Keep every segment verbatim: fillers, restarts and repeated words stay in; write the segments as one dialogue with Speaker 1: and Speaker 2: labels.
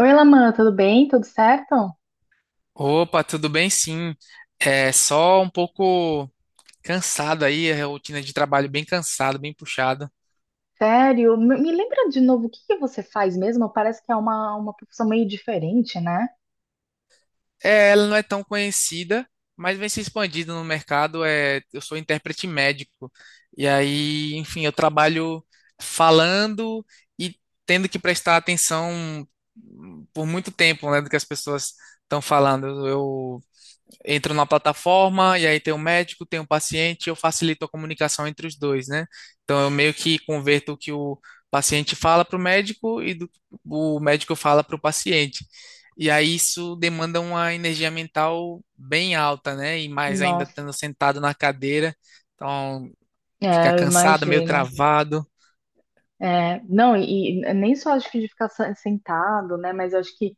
Speaker 1: Oi, Laman, tudo bem? Tudo certo?
Speaker 2: Opa, tudo bem? Sim. É só um pouco cansado aí, a rotina de trabalho bem cansada, bem puxada.
Speaker 1: Sério? Me me lembra de novo o que que você faz mesmo? Parece que é uma, uma profissão meio diferente, né?
Speaker 2: É, ela não é tão conhecida, mas vem se expandindo no mercado. É, eu sou intérprete médico. E aí, enfim, eu trabalho falando e tendo que prestar atenção por muito tempo, né, do que as pessoas estão falando. Eu entro na plataforma e aí tem o médico, tem o paciente, eu facilito a comunicação entre os dois, né? Então eu meio que converto o que o paciente fala para o médico e do, o médico fala para o paciente. E aí isso demanda uma energia mental bem alta, né? E mais ainda
Speaker 1: Nossa,
Speaker 2: estando sentado na cadeira, então fica
Speaker 1: é, eu
Speaker 2: cansado, meio
Speaker 1: imagino.
Speaker 2: travado.
Speaker 1: É, não, e, e nem só acho que de ficar sa- sentado, né? Mas eu acho que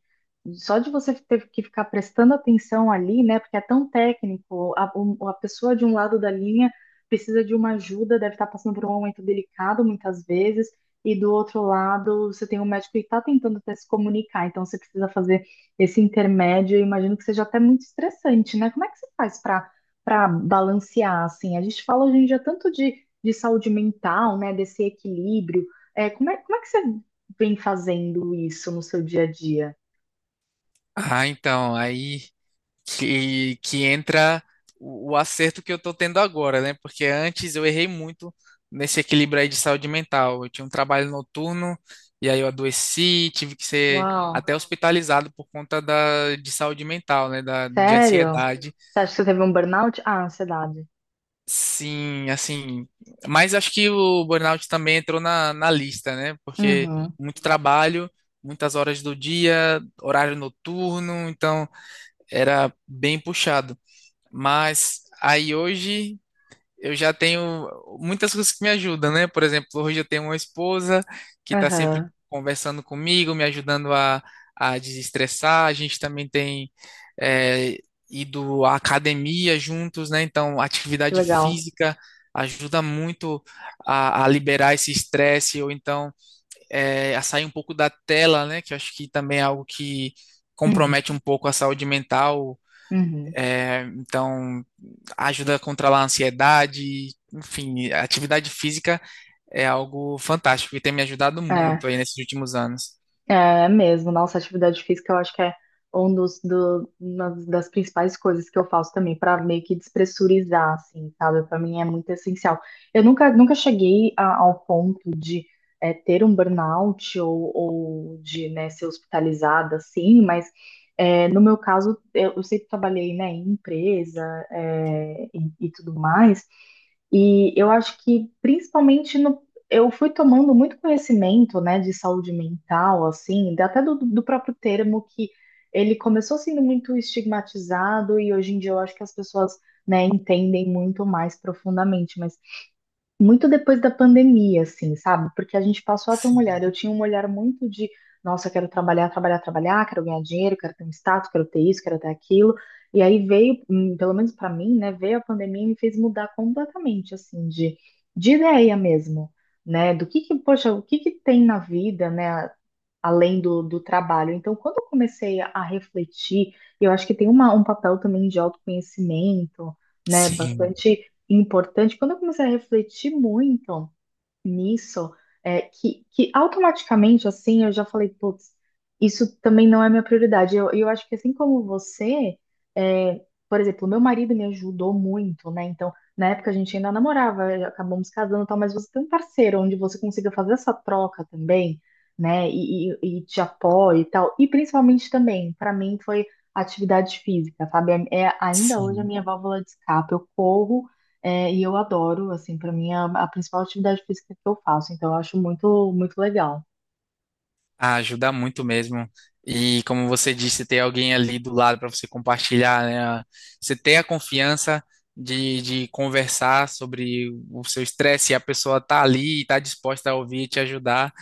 Speaker 1: só de você ter que ficar prestando atenção ali, né? Porque é tão técnico, a, o- a pessoa de um lado da linha precisa de uma ajuda, deve estar passando por um momento delicado muitas vezes, e do outro lado você tem um médico que está tentando até se comunicar, então você precisa fazer esse intermédio. Eu imagino que seja até muito estressante, né? Como é que você faz para para balancear assim? A gente fala hoje em dia tanto de, de saúde mental, né? Desse equilíbrio é, como é, como é que você vem fazendo isso no seu dia a dia?
Speaker 2: Ah, então, aí que, que entra o, o acerto que eu estou tendo agora, né? Porque antes eu errei muito nesse equilíbrio aí de saúde mental. Eu tinha um trabalho noturno e aí eu adoeci, tive que ser
Speaker 1: Uau.
Speaker 2: até hospitalizado por conta da, de saúde mental, né? Da, de
Speaker 1: Sério? Você
Speaker 2: ansiedade.
Speaker 1: acha que você teve um burnout? Ah, ansiedade.
Speaker 2: Sim, assim. Mas acho que o burnout também entrou na, na lista, né? Porque
Speaker 1: Uhum,
Speaker 2: muito trabalho, muitas horas do dia, horário noturno, então era bem puxado. Mas aí hoje eu já tenho muitas coisas que me ajudam, né? Por exemplo, hoje eu tenho uma esposa que está sempre
Speaker 1: aham,
Speaker 2: conversando comigo, me ajudando a, a desestressar. A gente também tem é, ido à academia juntos, né? Então,
Speaker 1: que
Speaker 2: atividade
Speaker 1: legal.
Speaker 2: física ajuda muito a, a liberar esse estresse, ou então é, a sair um pouco da tela, né? Que eu acho que também é algo que
Speaker 1: Uhum,
Speaker 2: compromete um pouco a saúde mental
Speaker 1: uhum.
Speaker 2: é, então, ajuda a controlar a ansiedade. Enfim, a atividade física é algo fantástico e tem me ajudado
Speaker 1: É,
Speaker 2: muito aí nesses últimos anos.
Speaker 1: é mesmo. Nossa, atividade física eu acho que é um dos, do, uma das principais coisas que eu faço também, para meio que despressurizar, assim, sabe? Para mim é muito essencial. Eu nunca, nunca cheguei a- ao ponto de é, ter um burnout ou, ou de, né, ser hospitalizada, assim, mas é, no meu caso, eu, eu sempre trabalhei, né, em empresa, é, e, e tudo mais, e eu acho que principalmente no, eu fui tomando muito conhecimento, né, de saúde mental, assim, da- até do, do próprio termo, que ele começou sendo muito estigmatizado e hoje em dia eu acho que as pessoas, né, entendem muito mais profundamente, mas muito depois da pandemia, assim, sabe? Porque a gente passou a ter um olhar. Eu tinha um olhar muito de, nossa, eu quero trabalhar, trabalhar, trabalhar, quero ganhar dinheiro, quero ter um status, quero ter isso, quero ter aquilo. E aí veio, hum, pelo menos pra mim, né, veio a pandemia e me fez mudar completamente, assim, de, de ideia mesmo, né? Do que que, poxa, o que que tem na vida, né? Além do, do trabalho. Então, quando eu comecei a refletir, eu acho que tem uma, um papel também de autoconhecimento, né,
Speaker 2: Sim,
Speaker 1: bastante importante. Quando eu comecei a refletir muito nisso, é, que, que automaticamente, assim, eu já falei, putz, isso também não é minha prioridade. Eu, eu acho que assim como você, é, por exemplo, meu marido me ajudou muito, né? Então, na época a gente ainda namorava, acabamos casando e tal, mas você tem um parceiro onde você consiga fazer essa troca também, né? E, e, e te apoia e tal. E principalmente também, para mim, foi atividade física, sabe? É, é ainda hoje a
Speaker 2: sim.
Speaker 1: minha válvula de escape. Eu corro. É, e eu adoro, assim, para mim é a, a principal atividade física que eu faço, então eu acho muito, muito legal.
Speaker 2: Ah, ajuda muito mesmo. E como você disse, ter alguém ali do lado para você compartilhar, né? Você ter a confiança de, de conversar sobre o seu estresse e a pessoa tá ali e tá disposta a ouvir e te ajudar.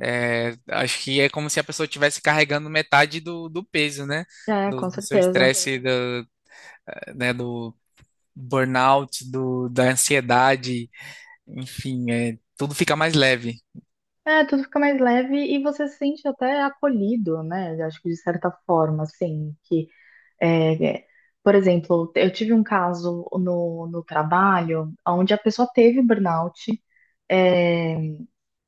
Speaker 2: É, acho que é como se a pessoa estivesse carregando metade do, do peso, né?
Speaker 1: É,
Speaker 2: Do,
Speaker 1: com
Speaker 2: do seu
Speaker 1: certeza.
Speaker 2: estresse, do, eh, né? do burnout, do, da ansiedade, enfim, é, tudo fica mais leve.
Speaker 1: É, tudo fica mais leve e você se sente até acolhido, né? Eu acho que de certa forma, assim, que, é, é, por exemplo, eu tive um caso no, no trabalho onde a pessoa teve burnout, é,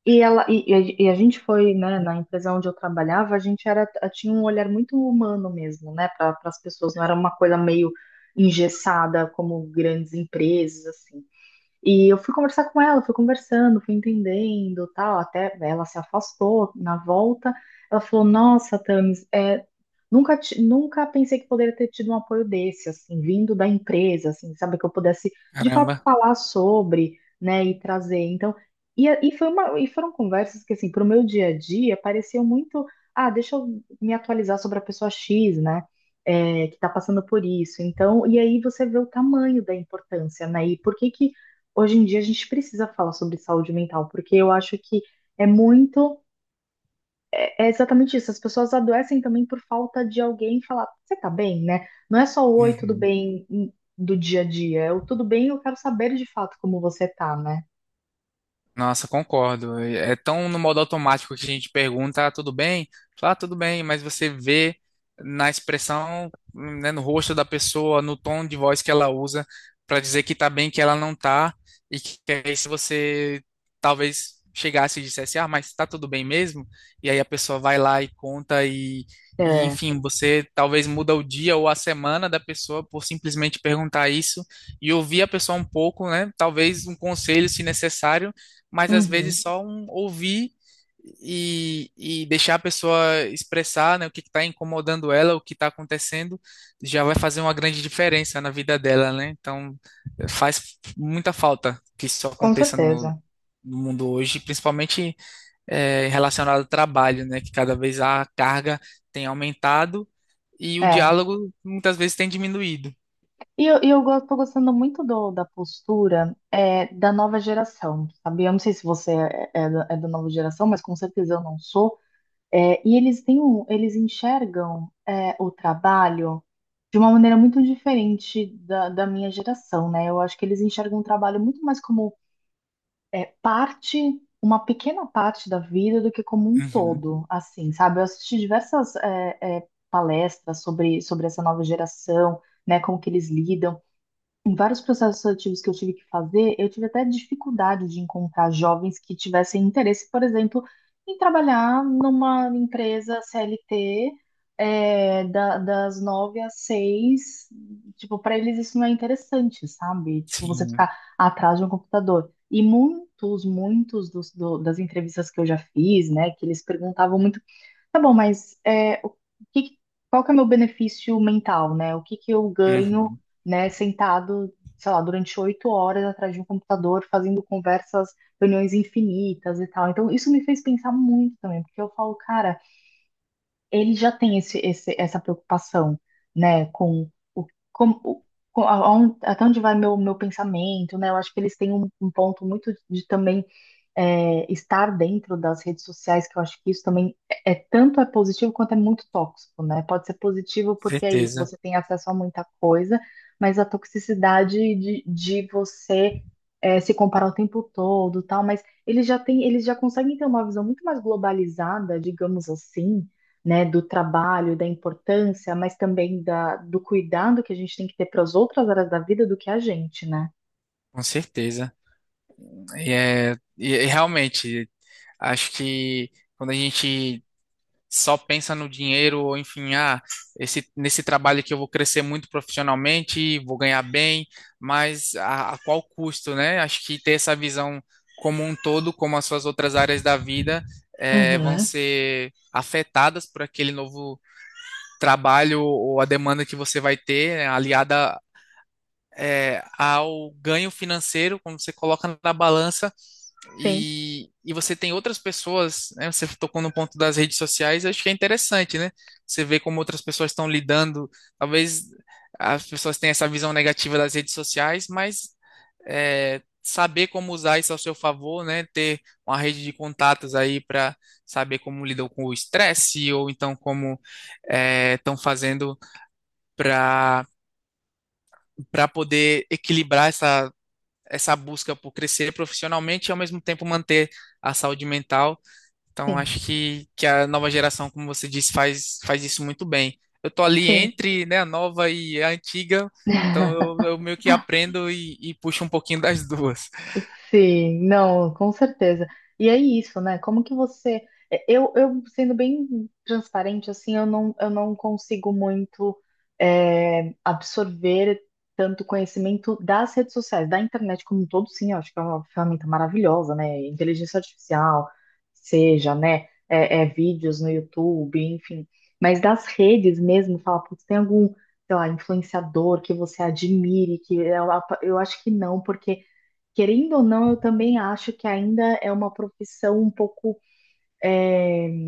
Speaker 1: e ela e, e a e a gente foi, né, na empresa onde eu trabalhava, a gente era tinha um olhar muito humano mesmo, né, para as pessoas, não era uma coisa meio engessada como grandes empresas, assim. E eu fui conversar com ela, fui conversando, fui entendendo, tal, até ela se afastou na volta. Ela falou: "Nossa, Thames, é, nunca ti- nunca pensei que poderia ter tido um apoio desse, assim, vindo da empresa, assim, sabe, que eu pudesse de fato
Speaker 2: Caramba.
Speaker 1: falar sobre, né, e trazer". Então, e, a- e foi uma e foram conversas que, assim, para o meu dia a dia, pareciam muito, ah, deixa eu me atualizar sobre a pessoa X, né? É, que está passando por isso. Então, e aí você vê o tamanho da importância, né? E por que que hoje em dia a gente precisa falar sobre saúde mental, porque eu acho que é muito, é exatamente isso. As pessoas adoecem também por falta de alguém falar, você tá bem, né? Não é só o oi, tudo
Speaker 2: Uhum.
Speaker 1: bem, hum, do dia a dia, é o tudo bem, eu quero saber de fato como você tá, né?
Speaker 2: Nossa, concordo. É tão no modo automático que a gente pergunta, ah, tudo bem? Fala, "Ah, tudo bem", mas você vê na expressão, né, no rosto da pessoa, no tom de voz que ela usa para dizer que tá bem, que ela não tá, e que aí se você talvez chegasse e dissesse, ah, mas tá tudo bem mesmo? E aí a pessoa vai lá e conta e, e
Speaker 1: É,
Speaker 2: enfim, você talvez muda o dia ou a semana da pessoa por simplesmente perguntar isso e ouvir a pessoa um pouco, né? Talvez um conselho, se necessário, mas às
Speaker 1: uhum,
Speaker 2: vezes só um ouvir e, e deixar a pessoa expressar, né, o que está incomodando ela, o que está acontecendo, já vai fazer uma grande diferença na vida dela, né? Então faz muita falta que isso
Speaker 1: com
Speaker 2: aconteça no,
Speaker 1: certeza.
Speaker 2: no mundo hoje, principalmente eh, relacionado ao trabalho, né, que cada vez a carga tem aumentado e o
Speaker 1: É.
Speaker 2: diálogo muitas vezes tem diminuído.
Speaker 1: E eu, e eu go- tô gostando muito do, da postura é, da nova geração, sabe? Eu não sei se você é, é da é da nova geração, mas com certeza eu não sou. É, e eles têm um, eles enxergam é, o trabalho de uma maneira muito diferente da, da minha geração, né? Eu acho que eles enxergam o trabalho muito mais como parte, uma pequena parte da vida do que como um
Speaker 2: Uhum,
Speaker 1: todo, assim, sabe? Eu assisti diversas é, é, palestras sobre, sobre essa nova geração, né? Como que eles lidam. Em vários processos seletivos que eu tive que fazer, eu tive até dificuldade de encontrar jovens que tivessem interesse, por exemplo, em trabalhar numa empresa C L T, é, da- das nove às seis. Tipo, para eles isso não é interessante, sabe? Tipo, você
Speaker 2: sim,
Speaker 1: ficar atrás de um computador. E muitos, muitos dos, do- das entrevistas que eu já fiz, né, que eles perguntavam muito. Tá bom, mas é, o que, que- qual que é o meu benefício mental, né? O que que eu ganho,
Speaker 2: uhum,
Speaker 1: né, sentado, sei lá, durante oito horas atrás de um computador, fazendo conversas, reuniões infinitas e tal. Então, isso me fez pensar muito também, porque eu falo, cara, ele já tem esse, esse- essa preocupação, né, com o, com, o- com- aonde- até onde vai meu, meu pensamento, né? Eu acho que eles têm um, um ponto muito de também é, estar dentro das redes sociais, que eu acho que isso também é, é tanto é positivo quanto é muito tóxico, né? Pode ser positivo porque é isso,
Speaker 2: certeza,
Speaker 1: você tem acesso a muita coisa, mas a toxicidade de, de você é, se comparar o tempo todo, tal, mas eles já têm, eles já conseguem ter uma visão muito mais globalizada, digamos assim, né, do trabalho, da importância, mas também da, do cuidado que a gente tem que ter para as outras áreas da vida do que a gente, né?
Speaker 2: com certeza. E, é, e e realmente, acho que quando a gente só pensa no dinheiro, ou enfim, ah, esse, nesse trabalho que eu vou crescer muito profissionalmente, vou ganhar bem, mas a, a qual custo, né? Acho que ter essa visão como um todo, como as suas outras áreas da vida, eh, vão
Speaker 1: Uhum.
Speaker 2: ser afetadas por aquele novo trabalho ou a demanda que você vai ter, né, aliada, eh, ao ganho financeiro, quando você coloca na balança
Speaker 1: Sim,
Speaker 2: e, e você tem outras pessoas, né? Você tocou no ponto das redes sociais, eu acho que é interessante, né? Você vê como outras pessoas estão lidando. Talvez as pessoas tenham essa visão negativa das redes sociais, mas é, saber como usar isso ao seu favor, né? Ter uma rede de contatos aí para saber como lidam com o estresse ou então como estão fazendo para para poder equilibrar essa essa busca por crescer profissionalmente e ao mesmo tempo manter a saúde mental, então,
Speaker 1: sim,
Speaker 2: acho que, que a nova geração, como você disse, faz, faz isso muito bem. Eu tô ali
Speaker 1: sim.
Speaker 2: entre, né, a nova e a antiga, então eu, eu meio que aprendo e, e puxo um pouquinho das duas.
Speaker 1: Sim, não, com certeza. E é isso, né? Como que você. É, Eu, eu sendo bem transparente, assim, eu não, eu não consigo muito é, absorver tanto conhecimento das redes sociais, da internet como um todo. Sim, eu acho que é uma ferramenta maravilhosa, né? Inteligência artificial, seja, né? É, é, vídeos no YouTube, enfim. Mas das redes mesmo, fala, putz, tem algum, sei lá, influenciador que você admire, que eu, eu acho que não, porque. Querendo ou não, eu também acho que ainda é uma profissão um pouco é,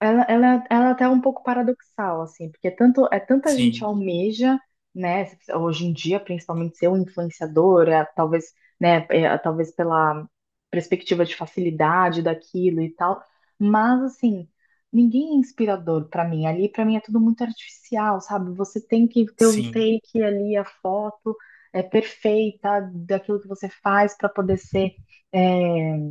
Speaker 1: ela, ela, ela até é um pouco paradoxal, assim, porque tanto, é tanta gente
Speaker 2: Sim,
Speaker 1: almeja, né, hoje em dia, principalmente ser um influenciador, é, talvez, né, é, talvez pela perspectiva de facilidade daquilo e tal, mas, assim, ninguém é inspirador para mim, ali para mim é tudo muito artificial, sabe? Você tem que ter um
Speaker 2: sim.
Speaker 1: take ali, a foto é perfeita daquilo que você faz para poder ser é,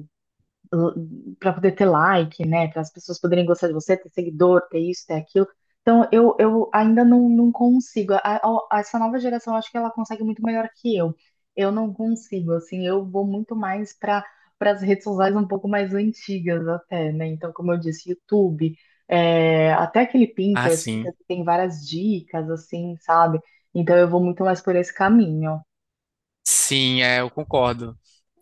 Speaker 1: para poder ter like, né? Para as pessoas poderem gostar de você, ter seguidor, ter isso, ter aquilo. Então, eu, eu ainda não, não consigo. A- a- essa nova geração, eu acho que ela consegue muito melhor que eu. Eu não consigo, assim, eu vou muito mais para para as redes sociais um pouco mais antigas até, né? Então, como eu disse, YouTube, é, até aquele
Speaker 2: Ah,
Speaker 1: Pinterest que
Speaker 2: sim.
Speaker 1: tem várias dicas, assim, sabe? Então, eu vou muito mais por esse caminho.
Speaker 2: Sim, é, eu concordo.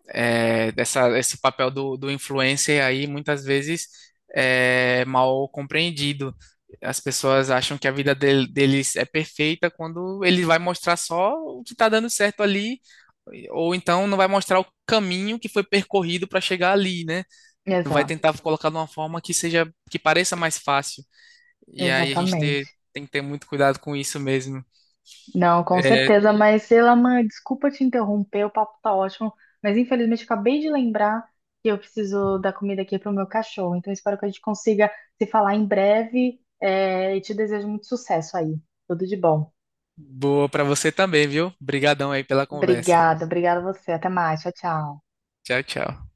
Speaker 2: É, dessa, esse papel do, do influencer aí, muitas vezes, é mal compreendido. As pessoas acham que a vida del- deles é perfeita quando ele vai mostrar só o que está dando certo ali. Ou então não vai mostrar o caminho que foi percorrido para chegar ali, né? Vai
Speaker 1: Exato,
Speaker 2: tentar colocar de uma forma que seja, que pareça mais fácil. E aí a gente ter-
Speaker 1: exatamente.
Speaker 2: tem que ter muito cuidado com isso mesmo.
Speaker 1: Não, com
Speaker 2: É,
Speaker 1: certeza, mas Elaman, desculpa te interromper, o papo tá ótimo, mas infelizmente acabei de lembrar que eu preciso dar comida aqui pro meu cachorro, então espero que a gente consiga se falar em breve, é, e te desejo muito sucesso aí, tudo de bom.
Speaker 2: boa para você também, viu? Obrigadão aí pela conversa.
Speaker 1: Obrigada, obrigada a você, até mais, tchau, tchau.
Speaker 2: Tchau, tchau.